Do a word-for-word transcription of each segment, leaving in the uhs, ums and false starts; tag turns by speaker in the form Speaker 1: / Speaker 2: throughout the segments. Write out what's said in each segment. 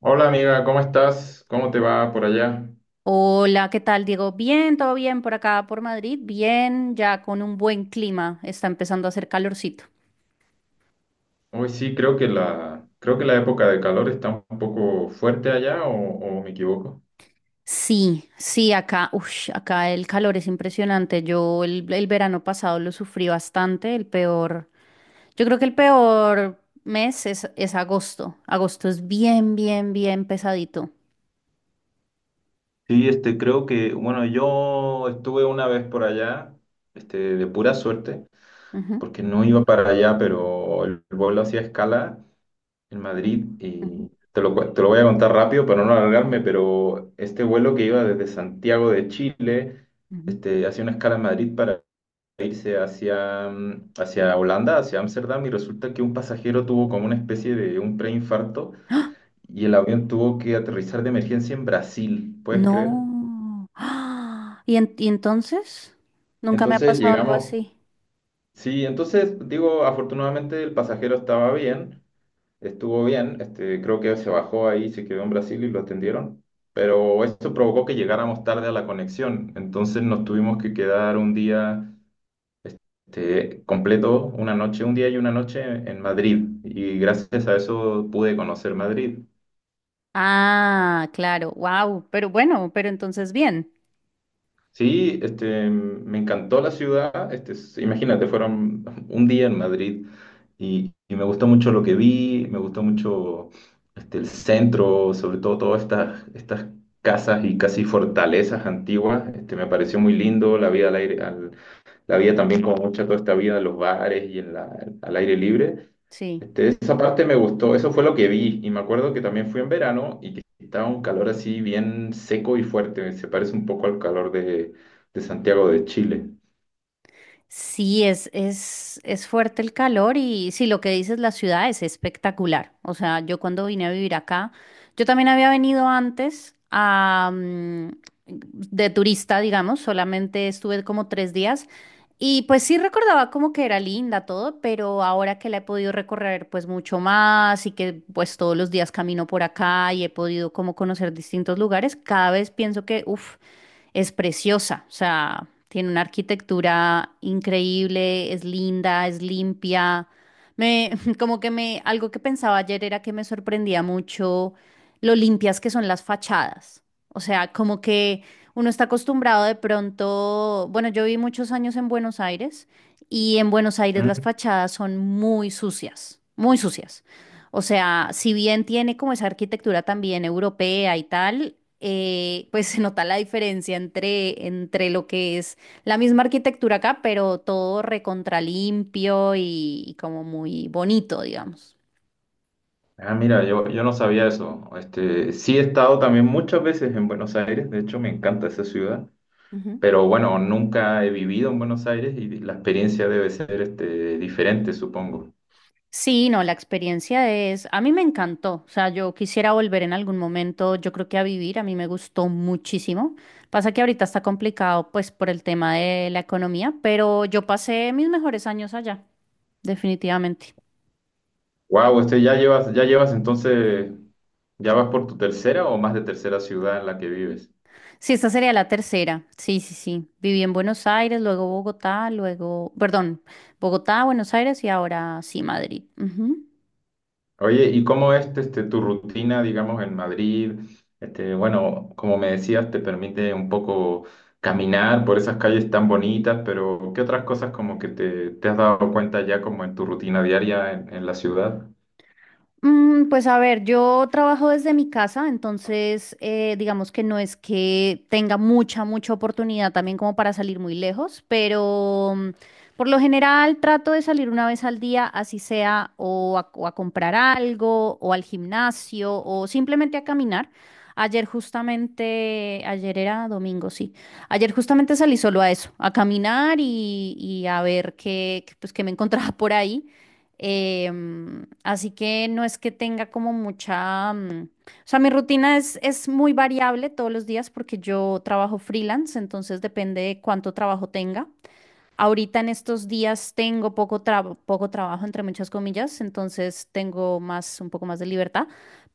Speaker 1: Hola amiga, ¿cómo estás? ¿Cómo te va por allá?
Speaker 2: Hola, ¿qué tal, Diego? Bien, todo bien por acá, por Madrid. Bien, ya con un buen clima. Está empezando a hacer calorcito.
Speaker 1: Hoy sí, creo que la, creo que la época de calor está un poco fuerte allá, ¿o, o me equivoco?
Speaker 2: Sí, sí, acá, uff, acá el calor es impresionante. Yo el, el verano pasado lo sufrí bastante. El peor, yo creo que el peor mes es, es agosto. Agosto es bien, bien, bien pesadito.
Speaker 1: Sí, este, creo que, bueno, yo estuve una vez por allá, este, de pura suerte,
Speaker 2: Ujú,
Speaker 1: porque no iba para allá, pero el vuelo hacía escala en
Speaker 2: ujú,
Speaker 1: Madrid
Speaker 2: ujú,
Speaker 1: y te lo, cu- te lo voy a contar rápido para no alargarme, pero este vuelo que iba desde Santiago de Chile,
Speaker 2: ujú.
Speaker 1: este, hacía una escala en Madrid irse hacia, mm, hacia Holanda, hacia Ámsterdam, y resulta que un pasajero tuvo como una especie de un preinfarto y el avión tuvo que aterrizar de emergencia en Brasil, ¿puedes creer?
Speaker 2: No. ¡Ah! ¿Y, en- y entonces? Nunca me ha
Speaker 1: Entonces
Speaker 2: pasado algo
Speaker 1: llegamos,
Speaker 2: así.
Speaker 1: sí, entonces digo, afortunadamente el pasajero estaba bien, estuvo bien, este, creo que se bajó ahí, se quedó en Brasil y lo atendieron, pero eso provocó que llegáramos tarde a la conexión, entonces nos tuvimos que quedar un día. Este, completo una noche, un día y una noche en Madrid, y gracias a eso pude conocer Madrid.
Speaker 2: Ah, claro, wow, pero bueno, pero entonces bien,
Speaker 1: Sí, este, me encantó la ciudad, este, s- imagínate, fueron un día en Madrid y, y me gustó mucho lo que vi, me gustó mucho este, el centro, sobre todo todas estas, estas casas y casi fortalezas antiguas, este, me pareció muy lindo, la vida al aire, al- la vida también como mucha toda esta vida en los bares y en la- al aire libre.
Speaker 2: sí.
Speaker 1: Este, esa parte me gustó, eso fue lo que vi y me acuerdo que también fui en verano y que estaba un calor así bien seco y fuerte, se parece un poco al calor de, de Santiago de Chile.
Speaker 2: Sí, es, es, es fuerte el calor y sí, lo que dices, la ciudad es espectacular. O sea, yo cuando vine a vivir acá, yo también había venido antes a, mm, de turista, digamos, solamente estuve como tres días y pues sí recordaba como que era linda todo, pero ahora que la he podido recorrer pues mucho más y que pues todos los días camino por acá y he podido como conocer distintos lugares, cada vez pienso que, uff, es preciosa. O sea, tiene una arquitectura increíble, es linda, es limpia. Me, como que me, algo que pensaba ayer era que me sorprendía mucho lo limpias que son las fachadas. O sea, como que uno está acostumbrado de pronto. Bueno, yo viví muchos años en Buenos Aires y en Buenos Aires las
Speaker 1: Mm.
Speaker 2: fachadas son muy sucias, muy sucias. O sea, si bien tiene como esa arquitectura también europea y tal, eh, pues se nota la diferencia entre, entre, lo que es la misma arquitectura acá, pero todo recontra limpio y, y como muy bonito, digamos.
Speaker 1: Ah, mira, yo, yo no sabía eso. Este, sí he estado también muchas veces en Buenos Aires, de hecho me encanta esa ciudad,
Speaker 2: Ujú.
Speaker 1: pero bueno, nunca he vivido en Buenos Aires y la experiencia debe ser este, diferente, supongo.
Speaker 2: Sí, no, la experiencia es, a mí me encantó. O sea, yo quisiera volver en algún momento, yo creo que a vivir, a mí me gustó muchísimo. Pasa que ahorita está complicado pues por el tema de la economía, pero yo pasé mis mejores años allá, definitivamente.
Speaker 1: Wow, este, ya llevas, ya llevas entonces, ¿ya vas por tu tercera o más de tercera ciudad en la que vives?
Speaker 2: Sí, esta sería la tercera. Sí, sí, sí. Viví en Buenos Aires, luego Bogotá, luego, perdón, Bogotá, Buenos Aires y ahora sí, Madrid. Ujú.
Speaker 1: Oye, ¿y cómo es este, tu rutina, digamos, en Madrid? Este, bueno, como me decías, te permite un poco caminar por esas calles tan bonitas, pero ¿qué otras cosas como que te, te has dado cuenta ya como en tu rutina diaria en, en la ciudad?
Speaker 2: Mm, Pues a ver, yo trabajo desde mi casa, entonces eh, digamos que no es que tenga mucha, mucha oportunidad también como para salir muy lejos, pero mm, por lo general trato de salir una vez al día, así sea o a, o a comprar algo, o al gimnasio, o simplemente a caminar. Ayer justamente, ayer era domingo, sí. Ayer justamente salí solo a eso, a caminar y, y a ver qué, qué, pues, qué me encontraba por ahí. Em, así que no es que tenga como mucha, mm, o sea, mi rutina es, es muy variable todos los días porque yo trabajo freelance, entonces depende de cuánto trabajo tenga. Ahorita en estos días tengo poco traba- poco trabajo, entre muchas comillas, entonces tengo más, un poco más de libertad,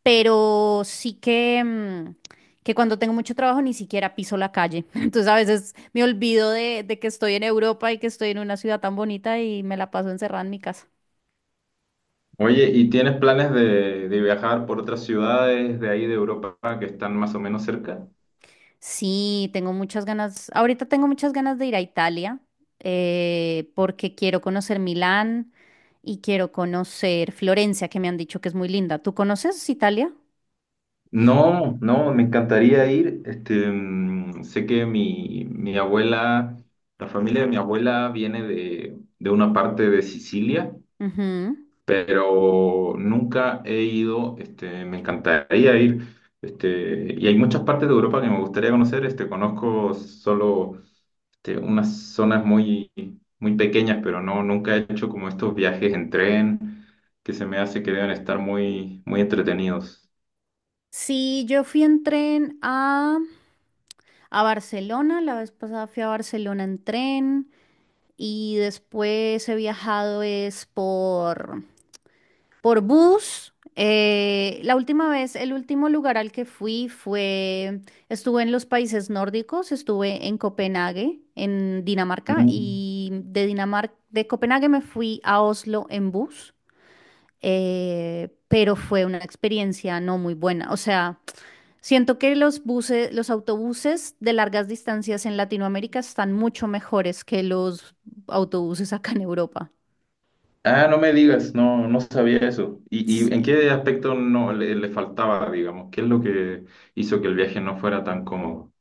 Speaker 2: pero sí que, mm, que cuando tengo mucho trabajo ni siquiera piso la calle. Entonces a veces me olvido de, de que estoy en Europa y que estoy en una ciudad tan bonita y me la paso encerrada en mi casa.
Speaker 1: Oye, ¿y tienes planes de, de viajar por otras ciudades de ahí de Europa que están más o menos cerca?
Speaker 2: Sí, tengo muchas ganas, ahorita tengo muchas ganas de ir a Italia, eh, porque quiero conocer Milán y quiero conocer Florencia, que me han dicho que es muy linda. ¿Tú conoces Italia?
Speaker 1: No, no, me encantaría ir. Este, mm, sé que mi, mi abuela, la familia de mi abuela viene de, de una parte de Sicilia,
Speaker 2: Ujú.
Speaker 1: pero nunca he ido. Este, me encantaría ir. Este, y hay muchas partes de Europa que me gustaría conocer. Este, conozco solo este, unas zonas muy, muy pequeñas, pero no, nunca he hecho como estos viajes en tren que se me hace que deben estar muy, muy entretenidos.
Speaker 2: Sí, yo fui en tren a, a Barcelona, la vez pasada fui a Barcelona en tren y después he viajado es por, Por bus, eh, la última vez, el último lugar al que fui fue, estuve en los países nórdicos, estuve en Copenhague, en Dinamarca,
Speaker 1: Mm.
Speaker 2: y de Dinamarca, de Copenhague me fui a Oslo en bus, eh, pero fue una experiencia no muy buena. O sea, siento que los buses, los autobuses de largas distancias en Latinoamérica están mucho mejores que los autobuses acá en Europa.
Speaker 1: Ah, no me digas, no, no sabía eso. ¿Y, y en
Speaker 2: Sí.
Speaker 1: qué aspecto no le, le faltaba, digamos? ¿Qué es lo que hizo que el viaje no fuera tan cómodo?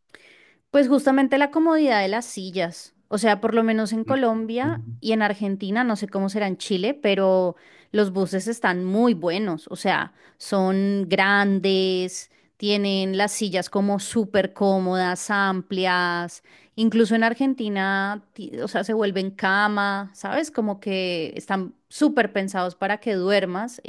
Speaker 2: Pues justamente la comodidad de las sillas. O sea, por lo menos en Colombia
Speaker 1: Mm.
Speaker 2: y en Argentina, no sé cómo será en Chile, pero los buses están muy buenos. O sea, son grandes, tienen las sillas como súper cómodas, amplias, incluso en Argentina, ti- o sea, se vuelven cama, ¿sabes? Como que están súper pensados para que duermas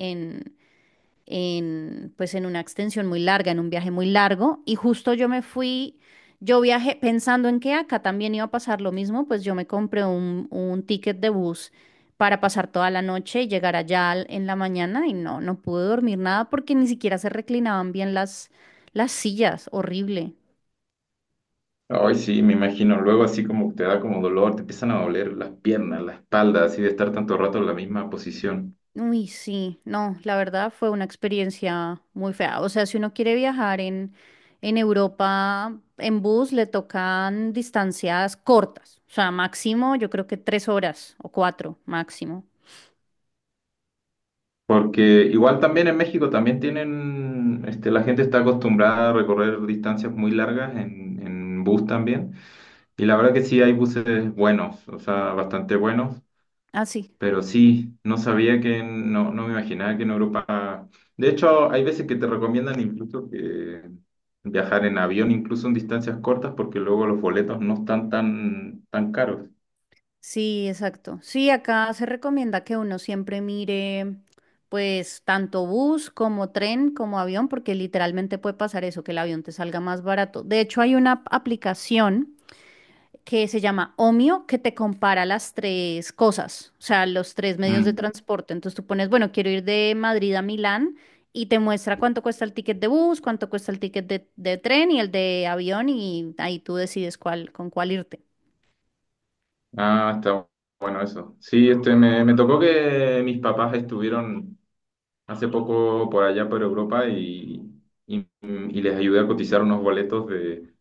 Speaker 2: en, pues en una extensión muy larga, en un viaje muy largo, y justo yo me fui, yo viajé pensando en que ah, acá también iba a pasar lo mismo, pues yo me compré un, un ticket de bus para pasar toda la noche y llegar allá al- en la mañana y no, no pude dormir nada porque ni siquiera se reclinaban bien las, las sillas, horrible.
Speaker 1: Ay, sí, me imagino. Luego así como te da como dolor, te empiezan a doler las piernas, la espalda, así de estar tanto rato en la misma posición.
Speaker 2: Uy, sí, no, la verdad fue una experiencia muy fea. O sea, si uno quiere viajar en, en Europa en bus, le tocan distancias cortas. O sea, máximo yo creo que tres horas o cuatro máximo.
Speaker 1: Porque igual también en México también tienen, este, la gente está acostumbrada a recorrer distancias muy largas en, en bus también. Y la verdad que sí hay buses buenos, o sea, bastante buenos.
Speaker 2: Ah, sí,
Speaker 1: Pero sí, no sabía que, no, no me imaginaba que en Europa... De hecho, hay veces que te recomiendan incluso que viajar en avión, incluso en distancias cortas, porque luego los boletos no están tan, tan caros.
Speaker 2: sí, exacto. Sí, acá se recomienda que uno siempre mire, pues, tanto bus como tren como avión, porque literalmente puede pasar eso, que el avión te salga más barato. De hecho, hay una ap- aplicación que se llama Omio, que te compara las tres cosas, o sea, los tres medios de
Speaker 1: Mm.
Speaker 2: transporte. Entonces tú pones, bueno, quiero ir de Madrid a Milán y te muestra cuánto cuesta el ticket de bus, cuánto cuesta el ticket de, de tren y el de avión y ahí tú decides cuál, con cuál irte.
Speaker 1: Ah, está bueno eso. Sí, este, me, me tocó que mis papás estuvieron hace poco por allá por Europa y, y, y les ayudé a cotizar unos boletos de,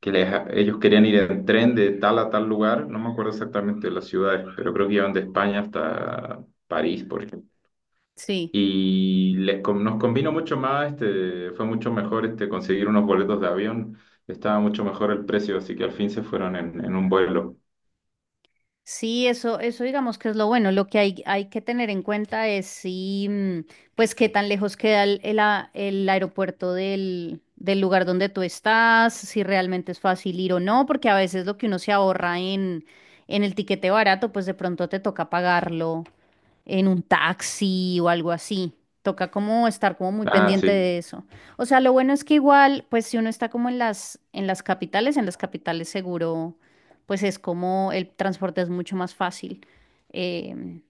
Speaker 1: que les- ellos querían ir en tren de tal a tal lugar, no me acuerdo exactamente de las ciudades, pero creo que iban de España hasta París, por ejemplo.
Speaker 2: Sí.
Speaker 1: Y les, con- nos convino mucho más, este, fue mucho mejor este, conseguir unos boletos de avión, estaba mucho mejor el precio, así que al fin se fueron en, en un vuelo.
Speaker 2: Sí, eso, eso digamos que es lo bueno. Lo que hay, hay que tener en cuenta es si, mm, pues, qué tan lejos queda el, el a- el aeropuerto del, del lugar donde tú estás, si realmente es fácil ir o no, porque a veces lo que uno se ahorra en, en el tiquete barato, pues de pronto te toca pagarlo en un taxi o algo así. Toca como estar como muy
Speaker 1: Ah,
Speaker 2: pendiente
Speaker 1: sí,
Speaker 2: de eso. O sea, lo bueno es que igual, pues si uno está como en las, en las capitales, en las capitales seguro, pues es como el transporte es mucho más fácil. Em,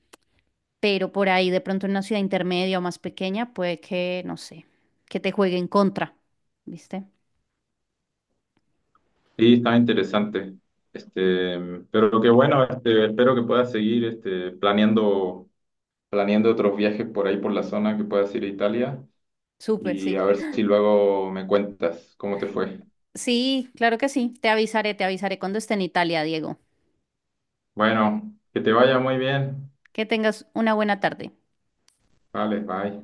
Speaker 2: pero por ahí de pronto en una ciudad intermedia o más pequeña, puede que, no sé, que te juegue en contra, ¿viste?
Speaker 1: sí, estaba interesante. Este, pero qué bueno, este, espero que puedas seguir este, planeando, planeando otros viajes por ahí por la zona, que puedas ir a Italia.
Speaker 2: Súper,
Speaker 1: Y a
Speaker 2: sí.
Speaker 1: ver si luego me cuentas cómo te fue.
Speaker 2: Sí, claro que sí. Te avisaré, te avisaré cuando esté en Italia, Diego.
Speaker 1: Bueno, que te vaya muy bien.
Speaker 2: Que tengas una buena tarde.
Speaker 1: Vale, bye.